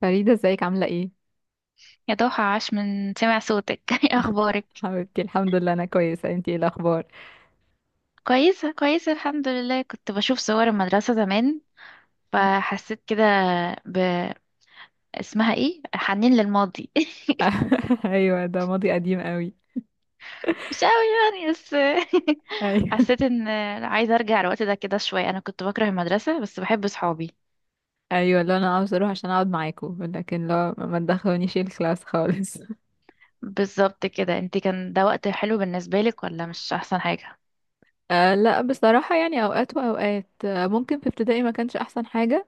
فريدة، ازيك عاملة ايه؟ يا ضحى، عاش من سمع صوتك. ايه اخبارك؟ حبيبتي، الحمد لله انا كويسة. انتي ايه الاخبار؟ كويسه كويسه، الحمد لله. كنت بشوف صور المدرسه زمان، فحسيت كده ب اسمها ايه، حنين للماضي. ايوه، ده ماضي قديم قوي. مش قوي يعني، بس ايوه، حسيت ان عايزه ارجع الوقت ده كده شويه. انا كنت بكره المدرسه بس بحب صحابي. ايوه، لا انا عاوز اروح عشان اقعد معاكوا، لكن لا، ما تدخلونيش الكلاس خالص. بالظبط كده، انت كان ده وقت حلو بالنسبه لك ولا مش احسن حاجه؟ لا بصراحة، يعني اوقات واوقات، ممكن في ابتدائي ما كانش احسن حاجة.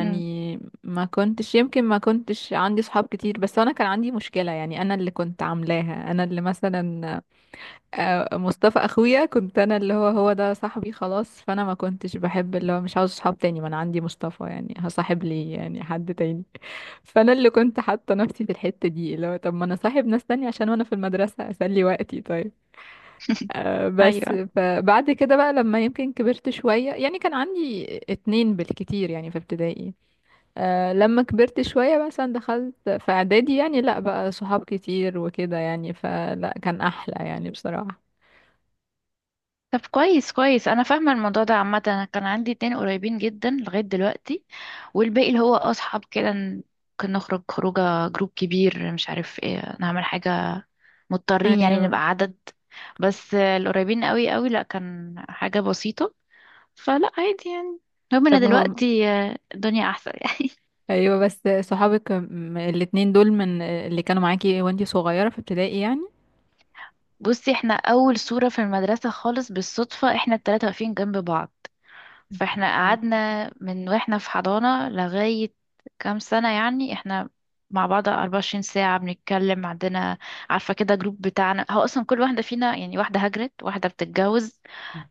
امم ما كنتش عندي صحاب كتير، بس انا كان عندي مشكلة، يعني انا اللي كنت عاملاها، انا اللي مثلا... مصطفى اخويا، كنت انا اللي هو ده صاحبي خلاص، فانا ما كنتش بحب، اللي هو مش عاوز صحاب تاني، ما انا عندي مصطفى، يعني هصاحب لي يعني حد تاني. فانا اللي كنت حاطه نفسي في الحته دي، اللي هو طب ما انا صاحب ناس تانية عشان وانا في المدرسه اسلي وقتي، طيب. بس ايوه، فبعد كده بقى، لما يمكن كبرت شويه، يعني كان عندي اتنين بالكتير يعني في ابتدائي. لما كبرت شويه مثلا دخلت في اعدادي، يعني لا، بقى صحاب كتير وكده، يعني فلا كان احلى يعني بصراحه. طب كويس كويس، انا فاهمه الموضوع ده. عامه انا كان عندي اتنين قريبين جدا لغايه دلوقتي، والباقي اللي هو اصحاب كده. ممكن نخرج خروجه، جروب كبير، مش عارف ايه، نعمل حاجه، مضطرين يعني ايوه، نبقى عدد. بس القريبين قوي قوي لا، كان حاجه بسيطه، فلا عادي يعني. المهم انا طب هم... دلوقتي الدنيا احسن يعني. ايوه، بس... صحابك، الاتنين دول من اللي كانوا معاكي وانتي صغيرة في ابتدائي يعني؟ بصي، احنا اول صوره في المدرسه خالص بالصدفه احنا التلاته واقفين جنب بعض، فاحنا آه. قعدنا من واحنا في حضانة لغاية كام سنة، يعني احنا مع بعض 24 ساعة بنتكلم. عندنا عارفة كده جروب بتاعنا، هو أصلا كل واحدة فينا يعني، واحدة هاجرت، واحدة بتتجوز،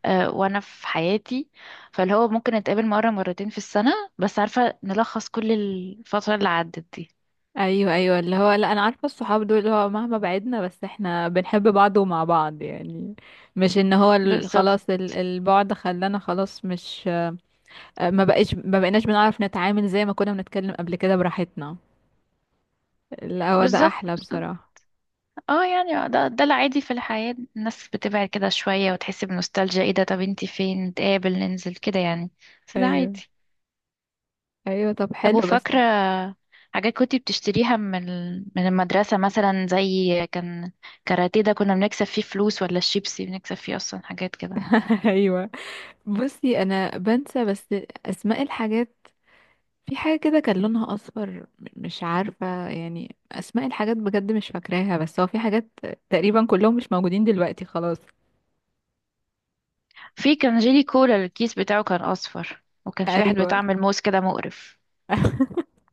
اه وأنا في حياتي. فاللي هو ممكن نتقابل مرة مرتين في السنة، بس عارفة نلخص كل الفترة اللي عدت دي. ايوه، ايوه، اللي هو لا، انا عارفة الصحاب دول اللي هو مهما بعدنا، بس احنا بنحب بعض ومع بعض يعني. مش ان هو بالظبط خلاص، البعد خلانا خلاص، مش... ما بقيناش بنعرف نتعامل زي ما كنا بنتكلم قبل كده براحتنا. لا، هو ده بالظبط احلى بالظبط. بصراحة. اه يعني ده العادي في الحياة، الناس بتبعد كده شوية وتحس بنوستالجيا، ايه ده، طب انتي فين، نتقابل ننزل كده يعني. بس ده ايوه، عادي. ايوه، طب طب حلو بس. وفاكرة حاجات كنت بتشتريها من من المدرسة، مثلا زي كان كاراتيه ده كنا بنكسب فيه فلوس، ولا الشيبسي بنكسب فيه أصلا، حاجات كده. ايوه، بصي انا بنسى بس... اسماء الحاجات. في حاجة كده كان لونها أصفر. مش عارفة، يعني أسماء الحاجات بجد مش فاكراها، بس هو في حاجات تقريبا كلهم مش موجودين دلوقتي خلاص. في كان جيلي كولا الكيس بتاعه كان أصفر، وكان في واحد أيوة. بتعمل موز كده مقرف.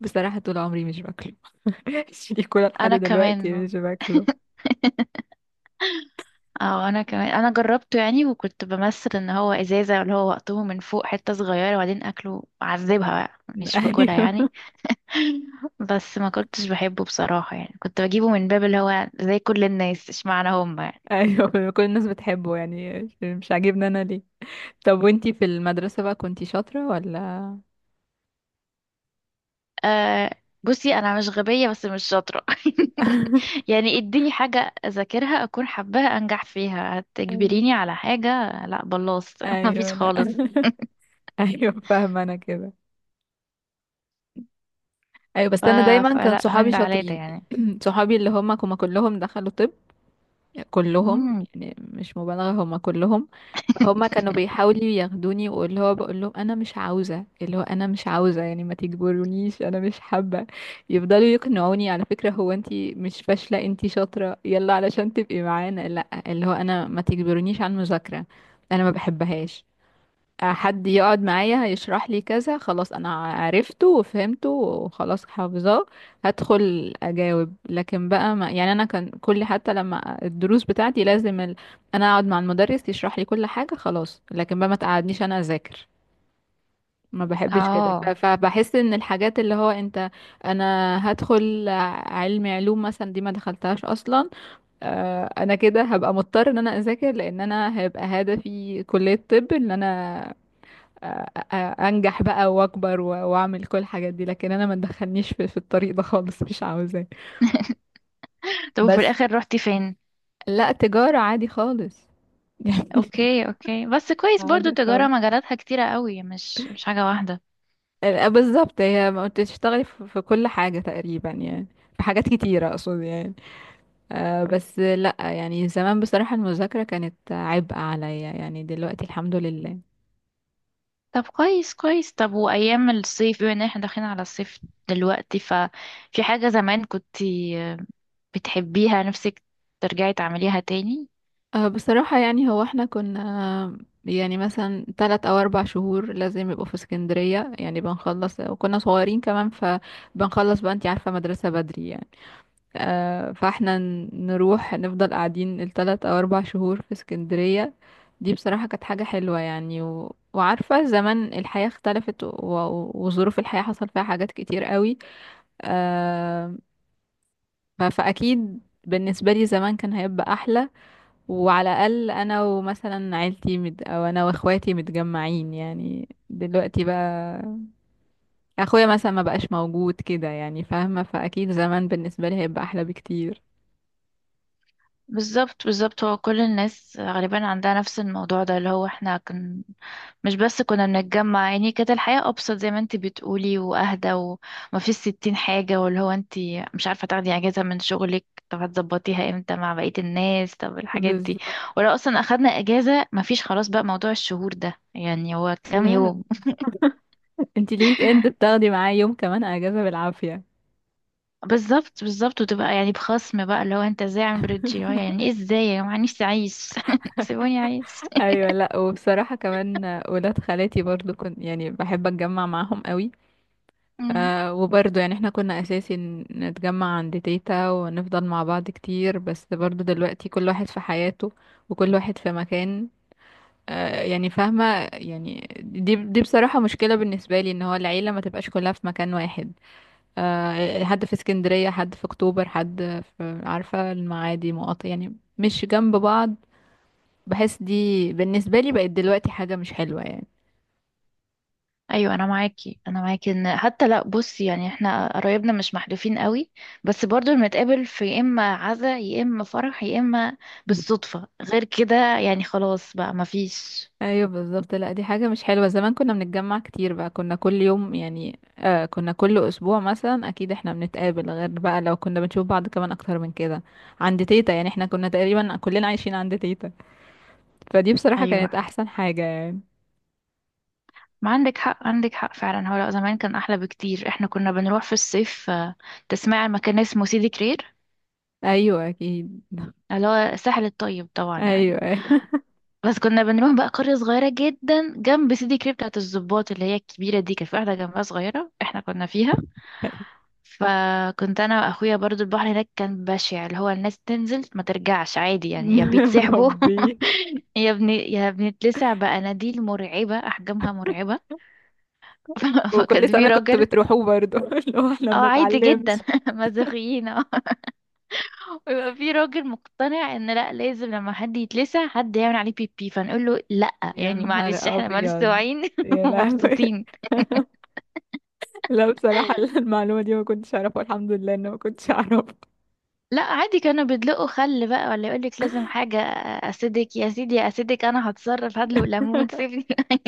بصراحة طول عمري مش باكله. الشريكولا لحد أنا دلوقتي كمان. مش باكله. اه أنا كمان، أنا جربته يعني، وكنت بمثل إن هو إزازة، اللي هو وقته من فوق حتة صغيرة وبعدين أكله أعذبها، بقى مش باكلها أيوة. يعني. بس ما كنتش بحبه بصراحة، يعني كنت بجيبه من باب اللي هو زي كل الناس، اشمعنى هم؟ أيوة، كل الناس بتحبه، يعني مش عاجبني أنا، ليه؟ طب وانتي في المدرسة بقى كنتي شاطرة ولا؟ آه بصي، انا مش غبية بس مش شاطرة. يعني اديني حاجة اذاكرها اكون حباها انجح فيها، أيوة، هتجبريني على حاجة؟ لا بلاص. مفيش أيوة، لا. خالص. أيوة، فاهمة أنا كده. ايوه، ف... بس انا دايما كان فلا، من صحابي ده على ده شاطرين. يعني. صحابي اللي هم كلهم دخلوا طب. كلهم، مم. يعني مش مبالغه، هم كلهم. فهم كانوا بيحاولوا ياخدوني، واللي هو بقول لهم انا مش عاوزه، يعني ما تجبرونيش، انا مش حابه. يفضلوا يقنعوني، على فكره هو انتي مش فاشله انتي شاطره يلا علشان تبقي معانا. لا، اللي هو انا ما تجبرونيش على المذاكره. انا ما بحبهاش. حد يقعد معايا هيشرح لي كذا خلاص، انا عرفته وفهمته وخلاص حافظاه. هدخل اجاوب، لكن بقى ما يعني انا كان كل، حتى لما الدروس بتاعتي لازم انا اقعد مع المدرس يشرح لي كل حاجة خلاص، لكن بقى ما تقعدنيش انا اذاكر. ما بحبش كده، اه فبحس ان الحاجات اللي هو انت... انا هدخل... علمي علوم مثلا دي ما دخلتهاش اصلا. انا كده هبقى مضطر ان انا اذاكر، لان انا هيبقى هدفي كلية طب، ان انا انجح بقى واكبر واعمل كل الحاجات دي، لكن انا ما تدخلنيش في الطريق ده خالص، مش عاوزاه. طب وفي بس الاخر روحتي فين؟ لا، تجارة عادي خالص. يعني. اوكي اوكي، بس كويس برضو، عادي التجارة خالص. مجالاتها كتيرة قوي، مش مش حاجة واحدة. بالظبط، هي ما بتشتغلي في كل حاجة تقريبا يعني. في حاجات كتيرة، اقصد يعني. بس لا، يعني زمان بصراحة المذاكرة كانت عبء عليا، يعني دلوقتي الحمد لله. طب كويس كويس. طب وايام الصيف، بما ان احنا داخلين على الصيف دلوقتي، ففي حاجة زمان كنت بتحبيها نفسك ترجعي تعمليها تاني؟ بصراحة يعني هو احنا كنا... يعني مثلا 3 أو 4 شهور لازم يبقوا في اسكندرية، يعني بنخلص وكنا صغيرين كمان، فبنخلص بقى، انتي عارفة، مدرسة بدري يعني. فاحنا نروح نفضل قاعدين ال 3 أو 4 شهور في اسكندرية. دي بصراحة كانت حاجة حلوة يعني، وعارفة زمان الحياة اختلفت، وظروف الحياة حصل فيها حاجات كتير قوي. آه، فأكيد بالنسبة لي زمان كان هيبقى أحلى. وعلى الأقل أنا ومثلا عيلتي أو أنا وأخواتي متجمعين، يعني دلوقتي بقى أخويا مثلا ما بقاش موجود كده، يعني فاهمة، فأكيد زمان بالنسبة لي هيبقى أحلى بكتير. بالظبط بالظبط. هو كل الناس غالبا عندها نفس الموضوع ده، اللي هو احنا مش بس كنا بنتجمع يعني، كانت الحياة أبسط زي ما انت بتقولي وأهدى، وما فيش ستين حاجة، واللي هو انت مش عارفة تاخدي أجازة من شغلك، طب هتظبطيها امتى مع بقية الناس؟ طب الحاجات دي، بالظبط، ولو أصلا أخدنا أجازة ما فيش، خلاص بقى موضوع الشهور ده، يعني هو كام لا يوم؟ انتي الويك اند بتاخدي معايا يوم كمان اجازه بالعافيه. بالظبط بالظبط، وتبقى يعني بخصم بقى، اللي هو انت ازاي عامل بريد جي، يعني ايه ازاي يا جماعه، نفسي عايز سيبوني، عايز. ايوه، لا وبصراحه كمان ولاد خالاتي برضو كنت يعني بحب اتجمع معاهم قوي. مم. وبرضه يعني احنا كنا اساسي نتجمع عند تيتا ونفضل مع بعض كتير، بس برضه دلوقتي كل واحد في حياته وكل واحد في مكان. يعني فاهمة. يعني دي بصراحة مشكلة بالنسبة لي، ان هو العيلة ما تبقاش كلها في مكان واحد. حد في اسكندرية، حد في اكتوبر، حد في، عارفة، المعادي، مقاطع يعني، مش جنب بعض. بحس دي بالنسبة لي بقت دلوقتي حاجة مش حلوة يعني. ايوه، انا معاكي ان حتى، لا بصي يعني احنا قرايبنا مش محدودين قوي، بس برضو بنتقابل في يا اما عزا يا اما فرح يا اما بالصدفه، غير كده يعني خلاص بقى مفيش. ايوه بالظبط، لا دي حاجه مش حلوه. زمان كنا بنتجمع كتير بقى، كنا كل يوم يعني، كنا كل اسبوع مثلا، اكيد احنا بنتقابل، غير بقى لو كنا بنشوف بعض كمان اكتر من كده. عند تيتا يعني، احنا كنا تقريبا كلنا عايشين عند تيتا. فدي بصراحه ايوه كانت أيوة. احسن حاجه يعني. ما عندك حق، عندك حق فعلا. هو لأ، زمان كان احلى بكتير. احنا كنا بنروح في الصيف، تسمعي عن مكان اسمه سيدي كرير؟ ايوه اكيد، اللي هو الساحل الطيب طبعا يعني. ايوه، ايوه. بس كنا بنروح بقى قرية صغيرة جدا جنب سيدي كريب بتاعت الضباط، اللي هي الكبيرة دي كان في واحدة جنبها صغيرة احنا كنا فيها. فكنت انا واخويا برضو، البحر هناك كان بشع، اللي هو الناس تنزل ما ترجعش عادي يعني، يا يا بيتسحبوا ربي، يا بنتلسع بقناديل مرعبة، احجامها مرعبة. فكان وكل في سنه كنتوا راجل، بتروحوا برضو؟ اللي هو احنا اه عادي جدا، بنتعلمش. مازوخيين. اه ويبقى في راجل مقتنع ان لا، لازم لما حد يتلسع حد يعمل عليه بيبي، فنقول له لا يا يعني معلش، نهار احنا مالناش ابيض. واعيين يا لهوي. ومبسوطين. لا بصراحة، المعلومة دي ما كنتش أعرفها، الحمد لله إن ما كنتش أعرفها. لا عادي، كانوا بيدلقوا خل بقى ولا يقولك لازم حاجة. أسيدك يا سيدي يا أسيدك، أنا هتصرف، هدلق ليمون، سيبني.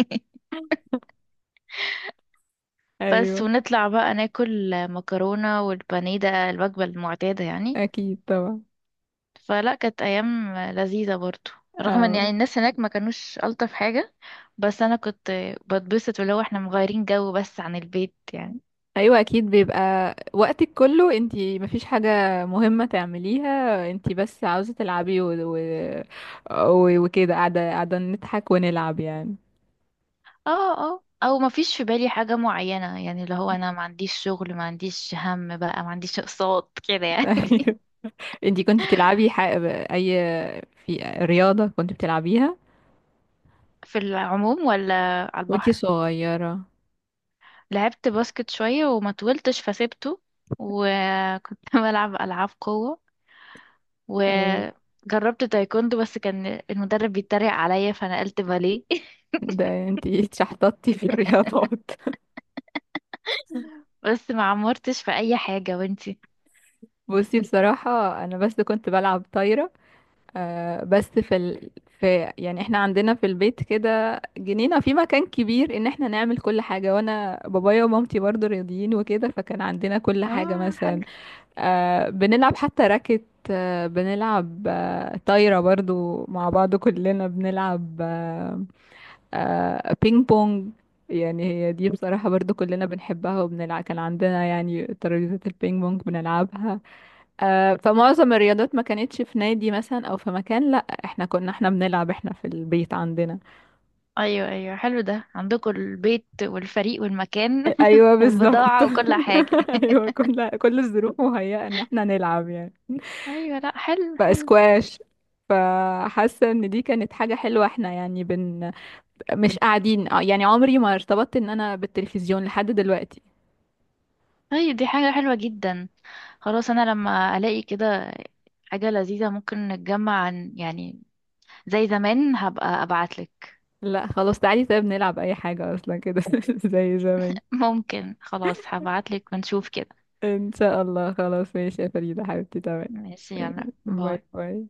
بس أيوة ونطلع بقى ناكل مكرونة والبانيه، ده الوجبة المعتادة يعني. أكيد طبعا. فلا، كانت أيام لذيذة برضو، رغم ان أو. يعني الناس هناك ما كانوش ألطف حاجة، بس أنا كنت بتبسط ولو احنا مغيرين جو بس عن البيت يعني. أيوة أكيد بيبقى وقتك كله انتي، مفيش حاجة مهمة تعمليها، انتي بس عاوزة تلعبي، وكده قاعدة قاعدة نضحك ونلعب يعني. اه اه او ما فيش في بالي حاجة معينة يعني، اللي هو انا ما عنديش شغل، ما عنديش هم بقى، ما عنديش اقساط كده يعني. أيوة. انتي كنت بتلعبي أي، في رياضة كنت بتلعبيها في العموم ولا على وانتي البحر. صغيرة؟ لعبت باسكت شوية وما طولتش فسيبته، وكنت بلعب ألعاب قوة، ايوه، وجربت تايكوندو بس كان المدرب بيتريق عليا فنقلت باليه. ده انتي اتشحططتي في الرياضات. بس ما عمرتش في أي حاجة. وانتي؟ بصي بصراحة أنا بس كنت بلعب طايرة. بس في، يعني احنا عندنا في البيت كده جنينة في مكان كبير ان احنا نعمل كل حاجة، وانا بابايا ومامتي برضو رياضيين وكده، فكان عندنا كل حاجة اه حلو. مثلا. بنلعب حتى راكت. بنلعب، طايرة برضو مع بعض كلنا بنلعب. بينج بونج، يعني هي دي بصراحة برضو كلنا بنحبها وبنلعب، كان عندنا يعني ترابيزة البينج بونج بنلعبها. فمعظم الرياضات ما كانتش في نادي مثلا او في مكان، لا احنا كنا، احنا بنلعب احنا في البيت عندنا. ايوه ايوه حلو، ده عندكم البيت والفريق والمكان ايوه بالظبط. والبضاعة وكل حاجة. ايوه، كل الظروف مهيئة ان احنا نلعب يعني. ايوه لا، حلو حلو. فاسكواش. فحاسه ان دي كانت حاجه حلوه، احنا يعني مش قاعدين. يعني عمري ما ارتبطت ان انا بالتلفزيون لحد دلوقتي. طيب دي حاجة حلوة جدا، خلاص انا لما الاقي كده حاجة لذيذة ممكن نتجمع، عن يعني زي زمان هبقى ابعتلك. لا خلاص، تعالي طيب نلعب اي حاجه اصلا كده، زي زمان. ممكن، خلاص هبعتلك ونشوف كده. ان شاء الله، خلاص ماشي يا فريده حبيبتي، تمام. ماشي يلا، باي باي. باي.